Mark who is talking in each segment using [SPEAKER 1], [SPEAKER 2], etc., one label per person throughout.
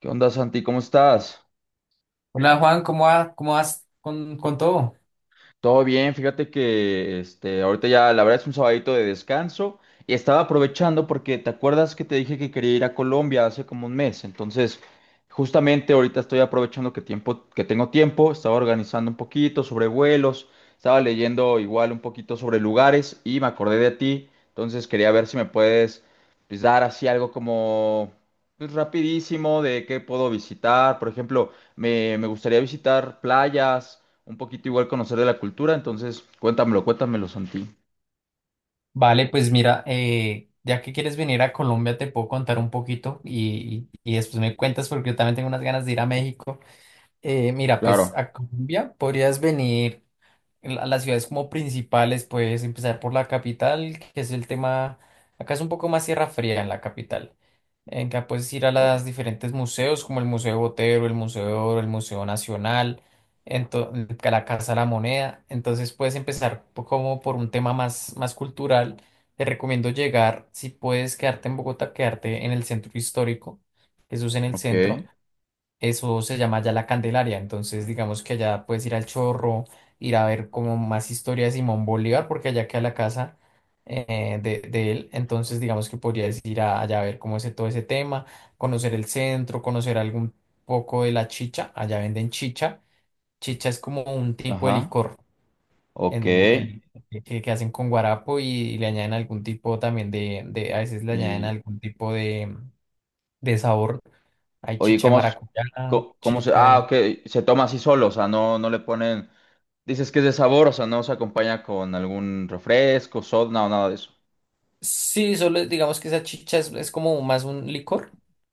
[SPEAKER 1] ¿Qué onda, Santi? ¿Cómo estás?
[SPEAKER 2] Hola Juan, ¿cómo vas con todo?
[SPEAKER 1] Todo bien, fíjate que este, ahorita ya la verdad es un sabadito de descanso y estaba aprovechando porque te acuerdas que te dije que quería ir a Colombia hace como un mes, entonces justamente ahorita estoy aprovechando que tengo tiempo, estaba organizando un poquito sobre vuelos, estaba leyendo igual un poquito sobre lugares y me acordé de ti, entonces quería ver si me puedes pues, dar así algo como pues, rapidísimo de qué puedo visitar, por ejemplo, me gustaría visitar playas. Un poquito igual conocer de la cultura, entonces cuéntamelo, cuéntamelo, Santi.
[SPEAKER 2] Vale, pues mira, ya que quieres venir a Colombia, te puedo contar un poquito y después me cuentas porque yo también tengo unas ganas de ir a México. Mira, pues
[SPEAKER 1] Claro.
[SPEAKER 2] a Colombia podrías venir las ciudades como principales, puedes empezar por la capital, que es el tema, acá es un poco más tierra fría en la capital. En que puedes ir a los diferentes museos, como el Museo Botero, el Museo de Oro, el Museo Nacional, que la Casa de la Moneda. Entonces puedes empezar como por un tema más cultural. Te recomiendo llegar, si puedes quedarte en Bogotá, quedarte en el centro histórico, Jesús en el centro.
[SPEAKER 1] Ok.
[SPEAKER 2] Eso se llama ya La Candelaria, entonces digamos que allá puedes ir al Chorro, ir a ver como más historias de Simón Bolívar, porque allá queda la casa de él, entonces digamos que podrías allá a ver cómo es todo ese tema, conocer el centro, conocer algún poco de la chicha, allá venden chicha. Chicha es como un tipo de
[SPEAKER 1] Ajá.
[SPEAKER 2] licor,
[SPEAKER 1] Ok.
[SPEAKER 2] el, el- que hacen con guarapo y le añaden algún tipo también a veces le añaden
[SPEAKER 1] Y,
[SPEAKER 2] algún tipo de sabor, hay
[SPEAKER 1] oye,
[SPEAKER 2] chicha de
[SPEAKER 1] ¿cómo, es-
[SPEAKER 2] maracuyá,
[SPEAKER 1] co- cómo se...
[SPEAKER 2] chicha
[SPEAKER 1] Ah,
[SPEAKER 2] de...
[SPEAKER 1] ok. Se toma así solo, o sea, no le ponen... Dices que es de sabor, o sea, no se acompaña con algún refresco, soda, no, nada de eso.
[SPEAKER 2] Sí, solo digamos que esa chicha es como más un licor,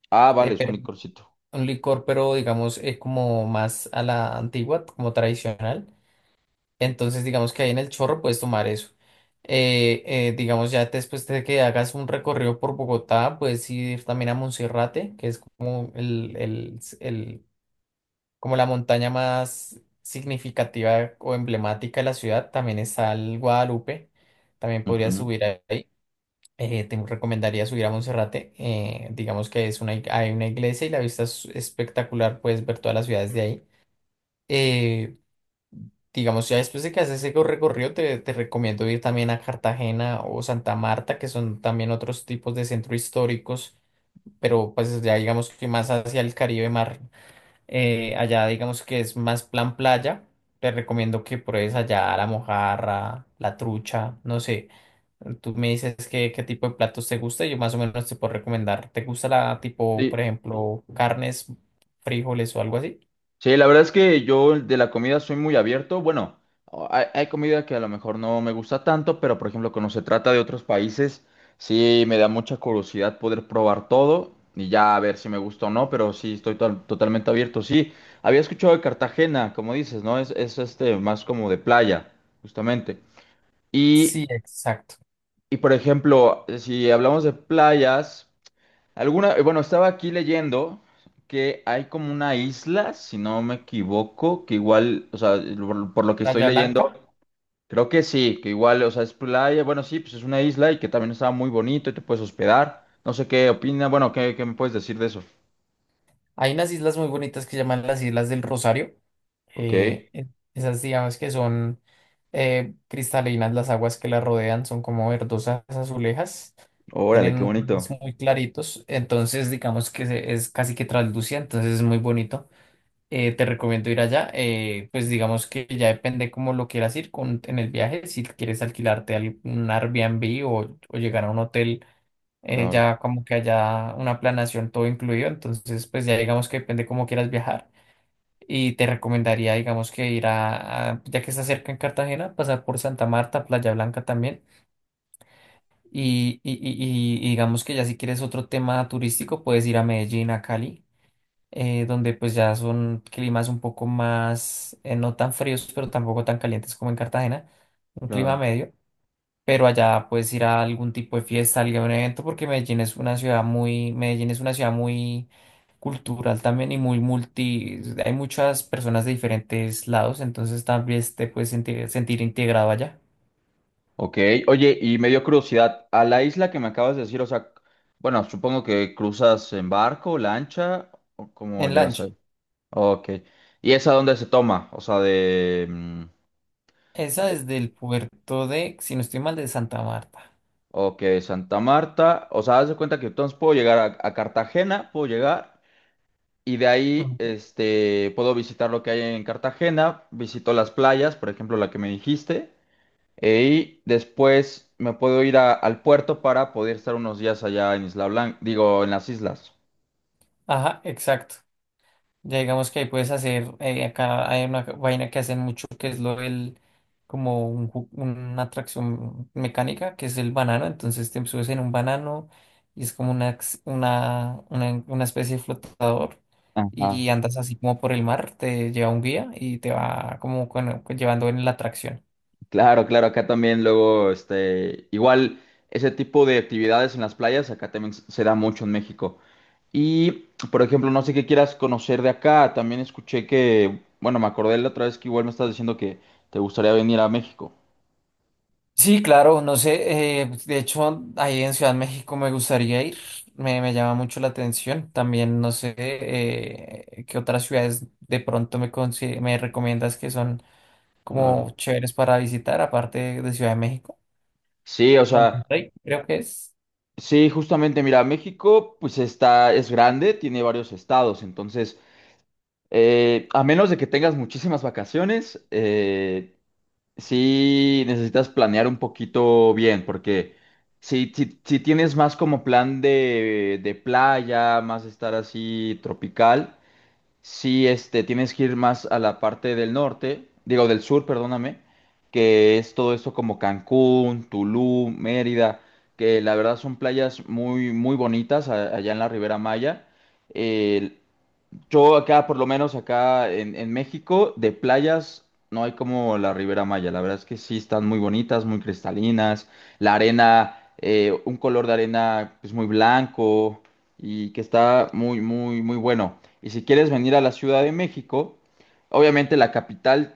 [SPEAKER 1] Ah,
[SPEAKER 2] eh,
[SPEAKER 1] vale, es un
[SPEAKER 2] pero,
[SPEAKER 1] licorcito.
[SPEAKER 2] un licor, pero digamos como más a la antigua, como tradicional. Entonces, digamos que ahí en el chorro puedes tomar eso. Digamos, ya después de que hagas un recorrido por Bogotá, puedes ir también a Monserrate, que es como como la montaña más significativa o emblemática de la ciudad. También está el Guadalupe, también podrías
[SPEAKER 1] Ujú.
[SPEAKER 2] subir ahí. Te recomendaría subir a Monserrate. Digamos que es hay una iglesia y la vista es espectacular. Puedes ver todas las ciudades de ahí. Eh, digamos, ya después de que haces ese recorrido, te recomiendo ir también a Cartagena o Santa Marta, que son también otros tipos de centros históricos, pero pues ya digamos que más hacia el Caribe mar. Allá digamos que es más plan playa. Te recomiendo que pruebes allá la mojarra, la trucha, no sé. Tú me dices qué tipo de platos te gusta y yo más o menos te puedo recomendar. ¿Te gusta la tipo, por
[SPEAKER 1] Sí.
[SPEAKER 2] ejemplo, carnes, frijoles o algo así?
[SPEAKER 1] Sí, la verdad es que yo de la comida soy muy abierto. Bueno, hay comida que a lo mejor no me gusta tanto, pero por ejemplo, cuando se trata de otros países, sí me da mucha curiosidad poder probar todo y ya a ver si me gusta o no, pero sí estoy totalmente abierto. Sí, había escuchado de Cartagena, como dices, ¿no? Es este más como de playa, justamente.
[SPEAKER 2] Sí,
[SPEAKER 1] Y,
[SPEAKER 2] exacto.
[SPEAKER 1] y por ejemplo, si hablamos de playas. Alguna, bueno, estaba aquí leyendo que hay como una isla, si no me equivoco, que igual, o sea, por lo que estoy
[SPEAKER 2] Playa
[SPEAKER 1] leyendo,
[SPEAKER 2] Blanca.
[SPEAKER 1] creo que sí, que igual, o sea, es playa, bueno, sí, pues es una isla y que también estaba muy bonito y te puedes hospedar. No sé qué opina, bueno, ¿ qué me puedes decir de eso?
[SPEAKER 2] Hay unas islas muy bonitas que se llaman las Islas del Rosario.
[SPEAKER 1] Ok,
[SPEAKER 2] eh, e- Esas digamos que son cristalinas, las aguas que las rodean son como verdosas, azulejas,
[SPEAKER 1] órale,
[SPEAKER 2] tienen
[SPEAKER 1] qué
[SPEAKER 2] un colores
[SPEAKER 1] bonito.
[SPEAKER 2] muy claritos, entonces digamos que es casi que traslúcida, entonces es muy bonito. Te recomiendo ir allá, pues digamos que ya depende cómo lo quieras en el viaje, si quieres alquilarte algún Airbnb o llegar a un hotel
[SPEAKER 1] Claro,
[SPEAKER 2] ya como que haya una planación todo incluido, entonces pues ya digamos que depende cómo quieras viajar y te recomendaría digamos que ir ya que está cerca en Cartagena, pasar por Santa Marta, Playa Blanca también y digamos que ya si quieres otro tema turístico puedes ir a Medellín, a Cali. Donde pues ya son climas un poco más, no tan fríos, pero tampoco tan calientes como en Cartagena, un clima
[SPEAKER 1] claro.
[SPEAKER 2] medio, pero allá puedes ir a algún tipo de fiesta, algún evento, porque Medellín es una ciudad muy cultural también y muy multi, hay muchas personas de diferentes lados, entonces también te puedes sentir, sentir integrado allá,
[SPEAKER 1] Ok, oye, y me dio curiosidad, a la isla que me acabas de decir, o sea, bueno, supongo que cruzas en barco, lancha, o cómo
[SPEAKER 2] en
[SPEAKER 1] llegas
[SPEAKER 2] lancha.
[SPEAKER 1] ahí. Ok. ¿Y esa dónde se toma?
[SPEAKER 2] Esa
[SPEAKER 1] De-
[SPEAKER 2] es del puerto de, si no estoy mal, de Santa Marta.
[SPEAKER 1] Ok, Santa Marta. O sea, haz de cuenta que entonces puedo llegar a Cartagena, puedo llegar y de ahí
[SPEAKER 2] Ujú.
[SPEAKER 1] este, puedo visitar lo que hay en Cartagena, visito las playas, por ejemplo, la que me dijiste, e- y después me puedo ir al puerto para poder estar unos días allá en Isla Blanca, digo, en las islas.
[SPEAKER 2] Ajá, exacto. Ya digamos que ahí puedes hacer, acá hay una vaina que hacen mucho que es lo del, como una atracción mecánica, que es el banano, entonces te subes en un banano y es como una, ex- una especie de flotador
[SPEAKER 1] Ajá.
[SPEAKER 2] y andas así como por el mar, te lleva un guía y te va como llevando en la atracción.
[SPEAKER 1] Claro, claro, acá también luego, este, igual ese tipo de actividades en las playas, acá también se da mucho en México. Y, por ejemplo, no sé qué quieras conocer de acá. También escuché que, bueno, me acordé la otra vez que igual me estás diciendo que te gustaría venir a México.
[SPEAKER 2] Sí, claro, no sé, de hecho ahí en Ciudad de México me gustaría ir, me llama mucho la atención, también no sé qué otras ciudades de pronto me recomiendas que son como
[SPEAKER 1] Claro.
[SPEAKER 2] chéveres para visitar, aparte de Ciudad de México,
[SPEAKER 1] Sí, o sea,
[SPEAKER 2] Monterrey, creo que es.
[SPEAKER 1] sí, justamente, mira, México, pues está, es grande, tiene varios estados, entonces, a menos de que tengas muchísimas vacaciones, sí necesitas planear un poquito bien, porque si tienes más como plan de playa, más estar así tropical. Si este, tienes que ir más a la parte del norte, digo del sur, perdóname, que es todo esto como Cancún, Tulum, Mérida, que la verdad son playas muy, muy bonitas allá en la Ribera Maya. Eh, yo acá, por lo menos acá en México, de playas no hay como la Ribera Maya. La verdad es que sí están muy bonitas, muy cristalinas. La arena, un color de arena pues muy blanco y que está muy, muy, muy bueno. Y si quieres venir a la Ciudad de México, obviamente la capital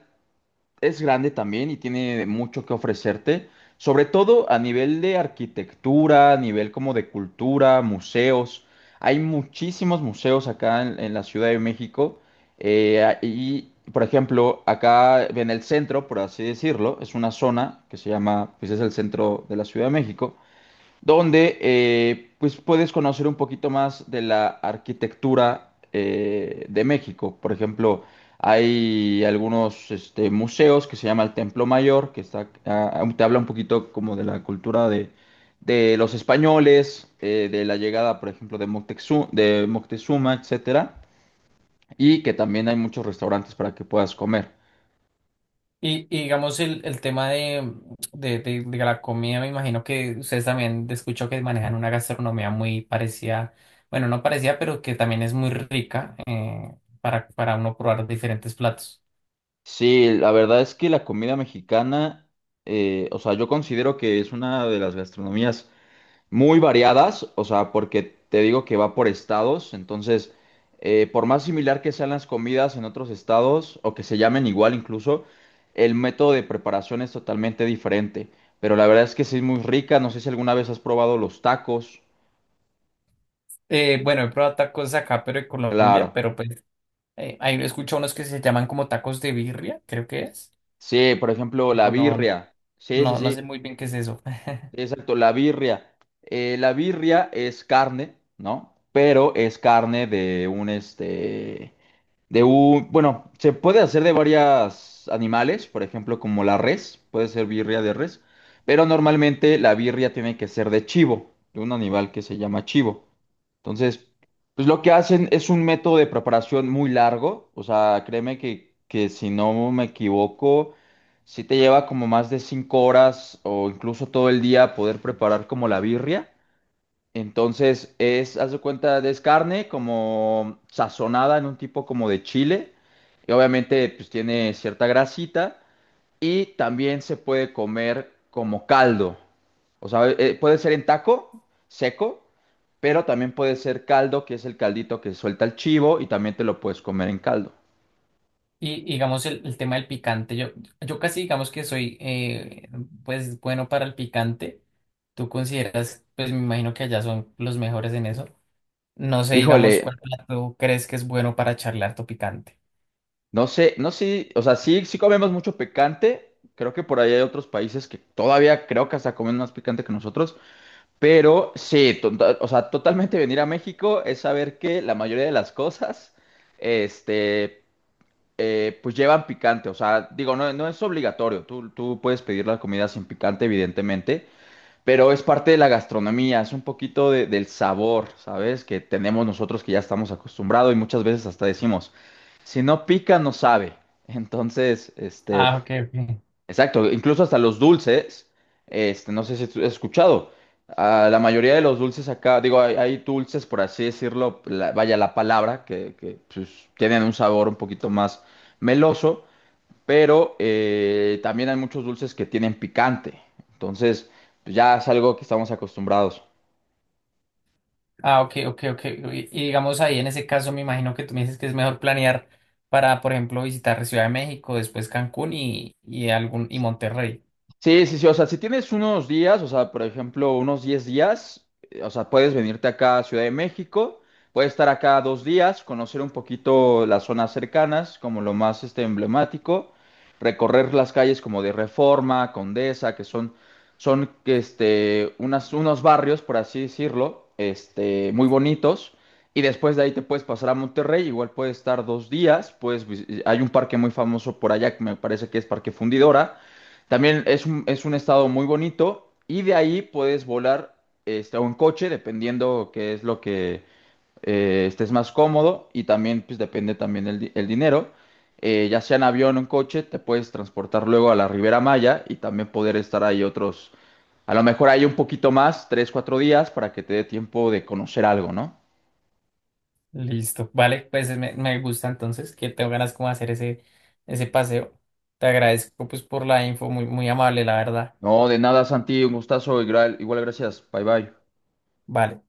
[SPEAKER 1] es grande también y tiene mucho que ofrecerte, sobre todo a nivel de arquitectura, a nivel como de cultura, museos. Hay muchísimos museos acá en la Ciudad de México y, por ejemplo, acá en el centro, por así decirlo, es una zona que se llama, pues es el centro de la Ciudad de México donde pues puedes conocer un poquito más de la arquitectura de México. Por ejemplo, hay algunos este, museos que se llama el Templo Mayor, que está, te habla un poquito como de la cultura de los españoles, de la llegada, por ejemplo, de Moctezuma, etcétera, y que también hay muchos restaurantes para que puedas comer.
[SPEAKER 2] Y digamos el tema de la comida, me imagino que ustedes también escucho que manejan una gastronomía muy parecida, bueno, no parecida, pero que también es muy rica para uno probar diferentes platos.
[SPEAKER 1] Sí, la verdad es que la comida mexicana, o sea, yo considero que es una de las gastronomías muy variadas, o sea, porque te digo que va por estados, entonces, por más similar que sean las comidas en otros estados o que se llamen igual incluso, el método de preparación es totalmente diferente. Pero la verdad es que sí es muy rica, no sé si alguna vez has probado los tacos.
[SPEAKER 2] Bueno, he probado tacos acá, pero en Colombia,
[SPEAKER 1] Claro,
[SPEAKER 2] pero pues ahí escucho unos que se llaman como tacos de birria, creo que es.
[SPEAKER 1] sí, por ejemplo, la
[SPEAKER 2] Pero no, no,
[SPEAKER 1] birria. Sí, sí,
[SPEAKER 2] no no sé
[SPEAKER 1] sí,
[SPEAKER 2] muy bien qué es eso.
[SPEAKER 1] exacto, la birria. La birria es carne, ¿no? Pero es carne de un este. De un, bueno, se puede hacer de varios animales, por ejemplo, como la res, puede ser birria de res, pero normalmente la birria tiene que ser de chivo, de un animal que se llama chivo. Entonces, pues lo que hacen es un método de preparación muy largo, o sea, créeme que si no me equivoco, si te lleva como más de 5 horas o incluso todo el día poder preparar como la birria. Entonces es, haz de cuenta, es carne como sazonada en un tipo como de chile. Y obviamente pues tiene cierta grasita y también se puede comer como caldo. O sea, puede ser en taco, seco, pero también puede ser caldo, que es el caldito que suelta el chivo y también te lo puedes comer en caldo.
[SPEAKER 2] Y digamos el tema del picante, yo casi digamos que soy pues bueno para el picante. ¿Tú consideras, pues me imagino que allá son los mejores en eso? No sé, digamos, cuál
[SPEAKER 1] Híjole,
[SPEAKER 2] plato crees que es bueno para charlar tu picante.
[SPEAKER 1] no sé, no sé, o sea, sí, sí comemos mucho picante. Creo que por ahí hay otros países que todavía creo que hasta comen más picante que nosotros. Pero sí, o sea, totalmente venir a México es saber que la mayoría de las cosas, este, pues llevan picante. O sea, digo, no es obligatorio. Tú puedes pedir la comida sin picante, evidentemente, pero es parte de la gastronomía, es un poquito del sabor, ¿sabes? Que tenemos nosotros que ya estamos acostumbrados y muchas veces hasta decimos, si no pica, no sabe. Entonces, este,
[SPEAKER 2] Ah, ok, ok.
[SPEAKER 1] exacto, incluso hasta los dulces, este, no sé si tú has escuchado, ah, la mayoría de los dulces acá, digo, hay dulces, por así decirlo, vaya la palabra, pues, tienen un sabor un poquito más meloso, pero también hay muchos dulces que tienen picante, entonces pues, ya es algo que estamos acostumbrados.
[SPEAKER 2] Ah, ok, ok, ok. Y digamos ahí en ese caso me imagino que tú me dices que es mejor planear para, por ejemplo, visitar Ciudad de México, después Cancún y algún y Monterrey.
[SPEAKER 1] Sí, sí, sí, o sea, si tienes unos días, o sea, por ejemplo, unos 10 días, o sea, puedes venirte acá a Ciudad de México, puedes estar acá 2 días, conocer un poquito las zonas cercanas, como lo más este, emblemático, recorrer las calles como de Reforma, Condesa, que son, son este, unas, unos barrios, por así decirlo, este, muy bonitos, y después de ahí te puedes pasar a Monterrey, igual puedes estar 2 días, pues hay un parque muy famoso por allá que me parece que es Parque Fundidora también es un estado muy bonito y de ahí puedes volar este, o en coche, dependiendo qué es lo que estés más cómodo y también pues depende también el, el dinero. Ya sea en avión o en coche, te puedes transportar luego a la Ribera Maya y también poder estar ahí otros, a lo mejor ahí un poquito más, 3, 4 días para que te dé tiempo de conocer algo, ¿no?
[SPEAKER 2] Listo. Vale, pues me gusta entonces que tengo ganas como de hacer ese, ese paseo. Te agradezco pues por la info, muy, muy amable, la verdad.
[SPEAKER 1] No, de nada, Santi, un gustazo, igual, igual gracias, bye bye.
[SPEAKER 2] Vale.